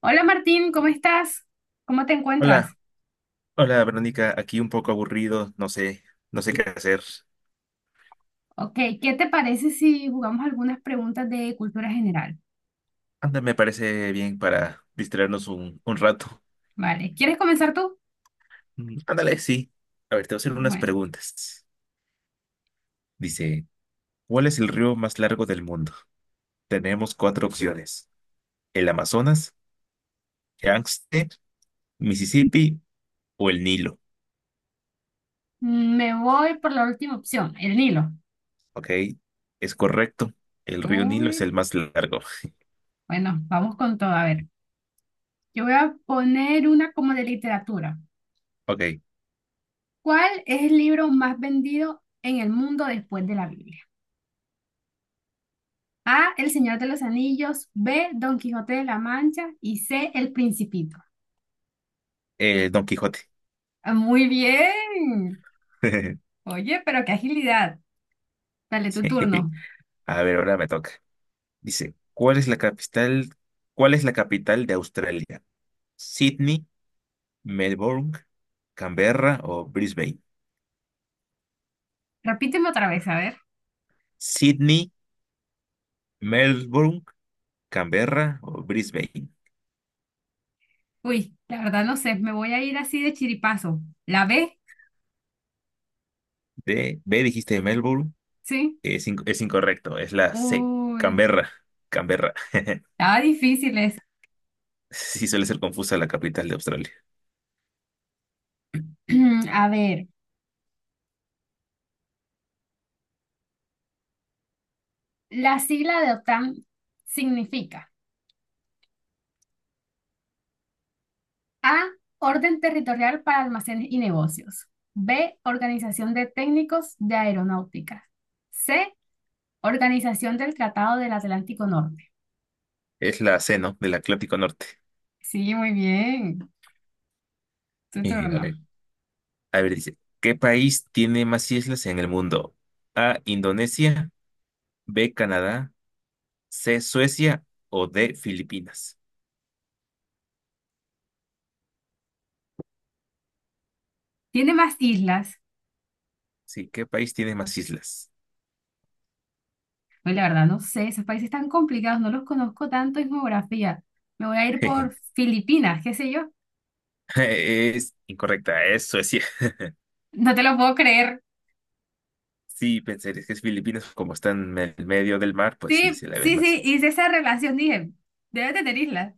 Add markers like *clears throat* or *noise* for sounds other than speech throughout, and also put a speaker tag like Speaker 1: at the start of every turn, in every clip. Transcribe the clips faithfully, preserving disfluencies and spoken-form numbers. Speaker 1: Hola Martín, ¿cómo estás? ¿Cómo te encuentras?
Speaker 2: Hola, hola Verónica, aquí un poco aburrido, no sé, no sé qué hacer.
Speaker 1: Ok, ¿qué te parece si jugamos algunas preguntas de cultura general?
Speaker 2: Anda, me parece bien para distraernos un, un rato.
Speaker 1: Vale, ¿quieres comenzar tú?
Speaker 2: Mm, Ándale, sí. A ver, te voy a hacer unas
Speaker 1: Bueno,
Speaker 2: preguntas. Dice, ¿cuál es el río más largo del mundo? Tenemos cuatro opciones. El Amazonas, Yangtze, Mississippi o el Nilo.
Speaker 1: mm, me voy por la última opción, el Nilo.
Speaker 2: Ok, es correcto. El río Nilo es el
Speaker 1: Uy,
Speaker 2: más largo.
Speaker 1: bueno, vamos con todo. A ver, yo voy a poner una como de literatura.
Speaker 2: Ok,
Speaker 1: ¿Cuál es el libro más vendido en el mundo después de la Biblia? A, El Señor de los Anillos, B, Don Quijote de la Mancha y C, El Principito.
Speaker 2: eh, Don Quijote.
Speaker 1: Ah, muy bien.
Speaker 2: *laughs*
Speaker 1: Oye, pero qué agilidad. Dale, tu
Speaker 2: Sí.
Speaker 1: turno.
Speaker 2: A ver, ahora me toca. Dice, ¿cuál es la capital, cuál es la capital de Australia? ¿Sydney, Melbourne, Canberra o Brisbane?
Speaker 1: Repíteme otra vez, a ver.
Speaker 2: Sydney, Melbourne, Canberra o Brisbane.
Speaker 1: Uy, la verdad no sé, me voy a ir así de chiripazo. ¿La B?
Speaker 2: D, B dijiste Melbourne,
Speaker 1: ¿Sí?
Speaker 2: es, inc- es incorrecto, es la C,
Speaker 1: Uy,
Speaker 2: Canberra, Canberra. *laughs*
Speaker 1: estaba difícil esa.
Speaker 2: Sí suele ser confusa la capital de Australia.
Speaker 1: *clears throat* A ver, la sigla de OTAN significa A, Orden Territorial para Almacenes y Negocios. B, Organización de Técnicos de Aeronáutica. C, Organización del Tratado del Atlántico Norte.
Speaker 2: Es la C, ¿no? Del Atlántico Norte.
Speaker 1: Sí, muy bien. Tu
Speaker 2: Y, a
Speaker 1: turno.
Speaker 2: ver, a ver, dice, ¿qué país tiene más islas en el mundo? A, Indonesia, B, Canadá. C, Suecia o D, Filipinas.
Speaker 1: Tiene más islas.
Speaker 2: Sí, ¿qué país tiene más islas?
Speaker 1: Pues la verdad, no sé, esos países tan complicados, no los conozco tanto en geografía. Me voy a ir
Speaker 2: *laughs*
Speaker 1: por Filipinas, qué sé yo.
Speaker 2: Es incorrecta, es Suecia. *laughs*
Speaker 1: No te lo puedo creer.
Speaker 2: Sí, pensé, es que es Filipinas, como están en el medio del mar, pues sí,
Speaker 1: Sí,
Speaker 2: se la ven
Speaker 1: sí, sí,
Speaker 2: más.
Speaker 1: hice esa relación, dije, debes de tenerla.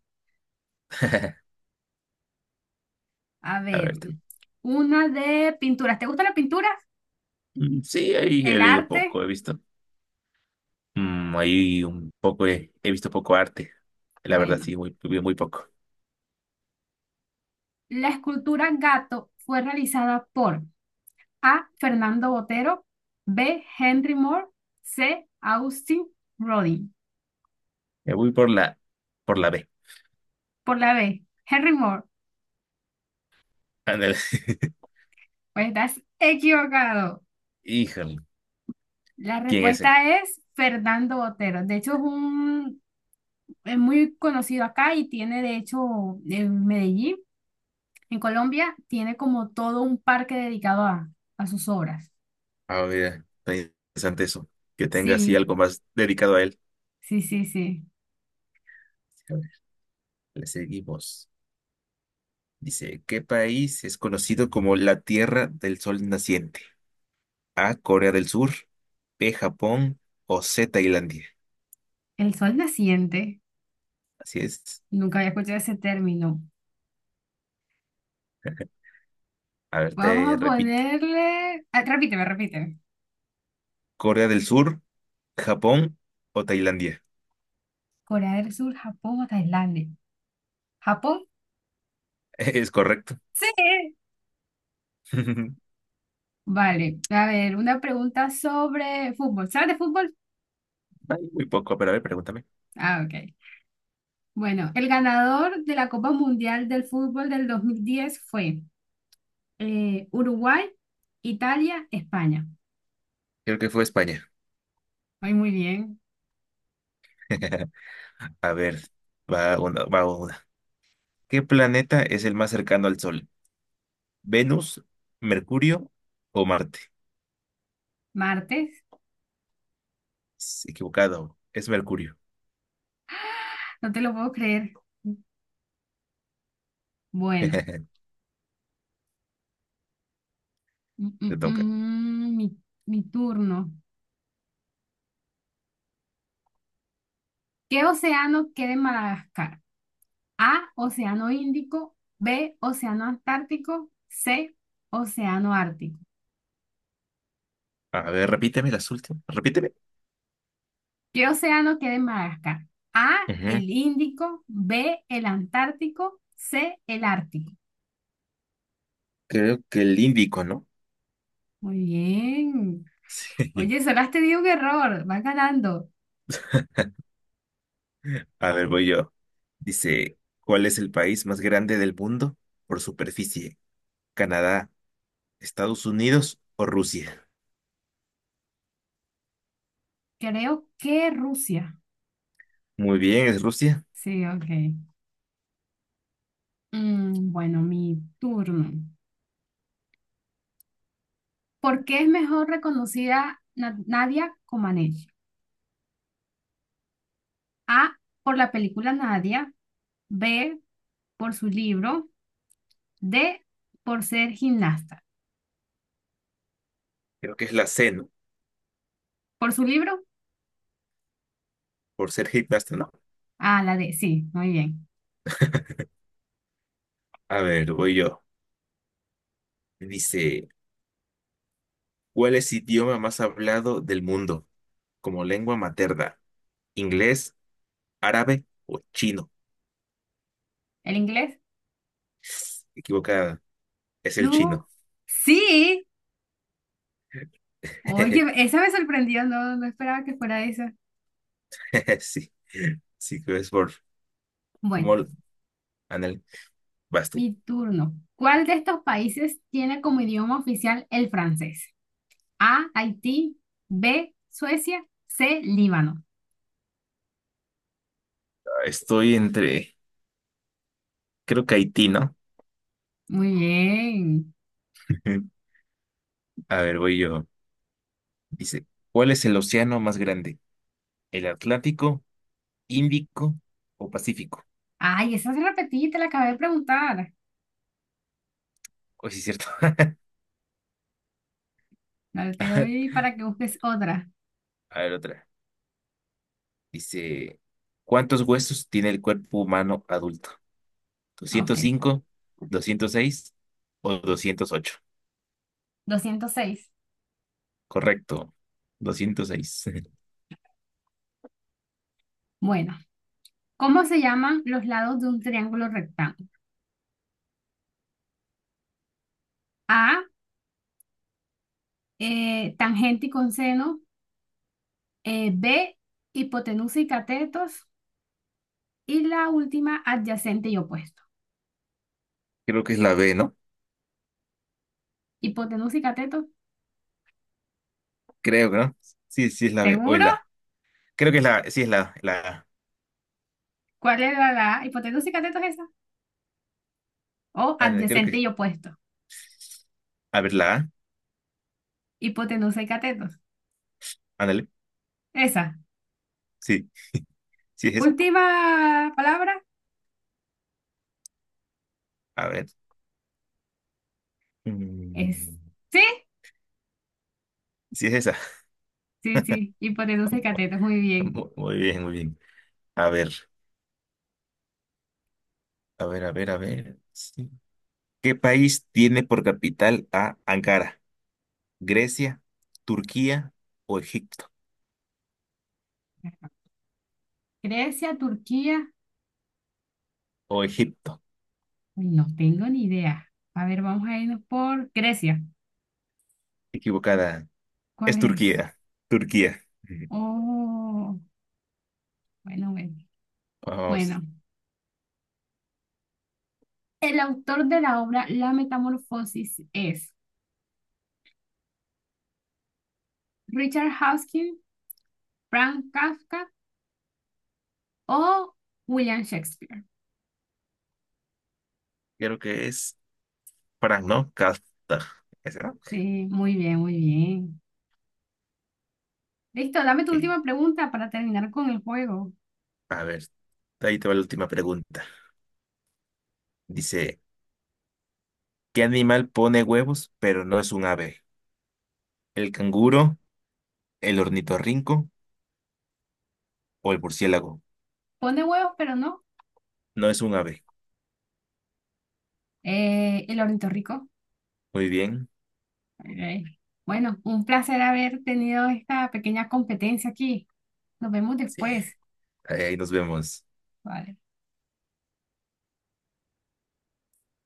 Speaker 2: *laughs*
Speaker 1: A
Speaker 2: A
Speaker 1: ver,
Speaker 2: ver, tú.
Speaker 1: una de pinturas. ¿Te gusta la pintura?
Speaker 2: Mm, sí, ahí he
Speaker 1: ¿El
Speaker 2: leído
Speaker 1: arte?
Speaker 2: poco, he visto. Mm, ahí un poco, he, he visto poco arte. La verdad,
Speaker 1: Bueno,
Speaker 2: sí, muy, muy, muy poco.
Speaker 1: la escultura Gato fue realizada por A. Fernando Botero, B. Henry Moore, C. Austin Rodin.
Speaker 2: Me voy por la, por la B.
Speaker 1: Por la B, Henry Moore.
Speaker 2: Ándale. *laughs*
Speaker 1: Pues estás equivocado.
Speaker 2: Híjole,
Speaker 1: La
Speaker 2: ¿quién es ese?
Speaker 1: respuesta es Fernando Botero. De hecho, es un, es muy conocido acá y tiene, de hecho, en Medellín, en Colombia, tiene como todo un parque dedicado a, a sus obras.
Speaker 2: A ver, está interesante eso. Que tenga así
Speaker 1: Sí,
Speaker 2: algo más dedicado a él.
Speaker 1: sí, sí, sí.
Speaker 2: Le seguimos. Dice, ¿qué país es conocido como la Tierra del Sol Naciente? A, Corea del Sur, B, Japón o C, Tailandia.
Speaker 1: El sol naciente.
Speaker 2: Así es.
Speaker 1: Nunca había escuchado ese término.
Speaker 2: A ver,
Speaker 1: Vamos
Speaker 2: te
Speaker 1: a
Speaker 2: repito.
Speaker 1: ponerle, ah, repíteme, repíteme.
Speaker 2: Corea del Sur, Japón o Tailandia.
Speaker 1: Corea del Sur, Japón o Tailandia. ¿Japón?
Speaker 2: *laughs* Es correcto.
Speaker 1: Sí.
Speaker 2: *laughs* Ay,
Speaker 1: Vale. A ver, una pregunta sobre fútbol. ¿Sabes de fútbol?
Speaker 2: muy poco, pero a ver, pregúntame.
Speaker 1: Ah, ok. Bueno, el ganador de la Copa Mundial del Fútbol del dos mil diez fue eh, Uruguay, Italia, España.
Speaker 2: Creo que fue España.
Speaker 1: Ay, muy bien.
Speaker 2: *laughs* A ver, va una, va una. ¿Qué planeta es el más cercano al Sol? ¿Venus, Mercurio o Marte?
Speaker 1: Martes,
Speaker 2: Es equivocado, es Mercurio.
Speaker 1: no te lo puedo creer. Bueno,
Speaker 2: *laughs*
Speaker 1: mm, mm,
Speaker 2: Te toca.
Speaker 1: mm, mi, mi turno. ¿Qué océano queda en Madagascar? A, Océano Índico, B, Océano Antártico, C, Océano Ártico.
Speaker 2: A ver, repíteme las últimas. Repíteme.
Speaker 1: ¿Qué océano queda en Madagascar? A,
Speaker 2: Ujú.
Speaker 1: el Índico, B, el Antártico, C, el Ártico.
Speaker 2: Creo que el Índico, ¿no? *laughs*
Speaker 1: Muy bien.
Speaker 2: Sí.
Speaker 1: Oye, solo has tenido un error. Vas ganando.
Speaker 2: A ver, voy yo. Dice, ¿cuál es el país más grande del mundo por superficie? ¿Canadá, Estados Unidos o Rusia?
Speaker 1: Creo que Rusia.
Speaker 2: Muy bien, es Rusia.
Speaker 1: Sí, ok. Mm, bueno, mi turno. ¿Por qué es mejor reconocida Na- Nadia Comaneci? A, por la película Nadia. B, por su libro. D, por ser gimnasta.
Speaker 2: Creo que es la C, ¿no?
Speaker 1: ¿Por su libro?
Speaker 2: Por ser gimnasta, ¿no?
Speaker 1: Ah, la D. Sí, muy bien.
Speaker 2: A ver, voy yo. Dice, ¿cuál es el idioma más hablado del mundo como lengua materna? ¿Inglés, árabe o chino?
Speaker 1: ¿El inglés?
Speaker 2: Equivocada, es el
Speaker 1: Du.
Speaker 2: chino.
Speaker 1: Sí. Oye,
Speaker 2: *laughs*
Speaker 1: esa me sorprendió. No, no esperaba que fuera esa.
Speaker 2: *laughs* Sí, sí, que es por
Speaker 1: Bueno.
Speaker 2: como Anel, vas tú.
Speaker 1: Mi turno. ¿Cuál de estos países tiene como idioma oficial el francés? A, Haití, B, Suecia, C, Líbano.
Speaker 2: Estoy entre, creo que Haití, ¿no?
Speaker 1: Muy bien.
Speaker 2: Ujú. A ver, voy yo. Dice, ¿cuál es el océano más grande? ¿El Atlántico, Índico o Pacífico?
Speaker 1: Ay, esa se repetí, te la acabé de preguntar.
Speaker 2: Hoy sí es cierto. *laughs*
Speaker 1: Dale, te
Speaker 2: Ajá.
Speaker 1: doy para que busques otra.
Speaker 2: A ver, otra. Dice, ¿cuántos huesos tiene el cuerpo humano adulto?
Speaker 1: Ok.
Speaker 2: doscientos cinco, doscientos seis o doscientos ocho.
Speaker 1: Doscientos seis.
Speaker 2: Correcto, doscientos seis.
Speaker 1: Bueno, ¿cómo se llaman los lados de un triángulo rectángulo? A, eh, tangente y conseno, eh, B, hipotenusa y catetos, y la última, adyacente y opuesto.
Speaker 2: *laughs* Creo que es la B, ¿no?
Speaker 1: Hipotenusa y catetos.
Speaker 2: Creo, ¿no? Sí, sí es la B o es
Speaker 1: ¿Seguro?
Speaker 2: la, creo que es la, sí es la, la,
Speaker 1: ¿Cuál era la hipotenusa y catetos esa? O
Speaker 2: ándale, creo
Speaker 1: adyacente
Speaker 2: que,
Speaker 1: y opuesto.
Speaker 2: a ver, la A,
Speaker 1: Hipotenusa y catetos.
Speaker 2: ándale,
Speaker 1: Esa.
Speaker 2: sí, sí es esa,
Speaker 1: Última palabra
Speaker 2: a ver,
Speaker 1: es.
Speaker 2: mm,
Speaker 1: ¿Sí?
Speaker 2: sí es esa.
Speaker 1: Sí, sí. Hipotenusa y
Speaker 2: *laughs*
Speaker 1: catetos. Muy bien.
Speaker 2: Mu- muy bien, muy bien, a ver, a ver, a ver, a ver, sí. ¿Qué país tiene por capital a Ankara? ¿Grecia, Turquía o Egipto?
Speaker 1: Grecia, Turquía.
Speaker 2: O Egipto,
Speaker 1: Uy, no tengo ni idea. A ver, vamos a irnos por Grecia.
Speaker 2: equivocada,
Speaker 1: ¿Cuál
Speaker 2: es
Speaker 1: es?
Speaker 2: Turquía, Turquía, ujú.
Speaker 1: Oh, bueno, bueno.
Speaker 2: Vamos,
Speaker 1: Bueno. El autor de la obra La Metamorfosis es Richard Hawkins, Frank Kafka o William Shakespeare.
Speaker 2: creo que es Frank, ¿no? Kafta, ¿esa?
Speaker 1: Sí, muy bien, muy bien. Listo, dame tu
Speaker 2: Sí.
Speaker 1: última pregunta para terminar con el juego.
Speaker 2: A ver, ahí te va la última pregunta. Dice, ¿qué animal pone huevos pero no es un ave? ¿El canguro, el ornitorrinco o el murciélago?
Speaker 1: Pone huevos, pero no.
Speaker 2: No es un ave.
Speaker 1: Eh, El ornitorrinco.
Speaker 2: Muy bien.
Speaker 1: Ok. Bueno, un placer haber tenido esta pequeña competencia aquí. Nos vemos
Speaker 2: Sí.
Speaker 1: después.
Speaker 2: Ahí nos vemos.
Speaker 1: Vale.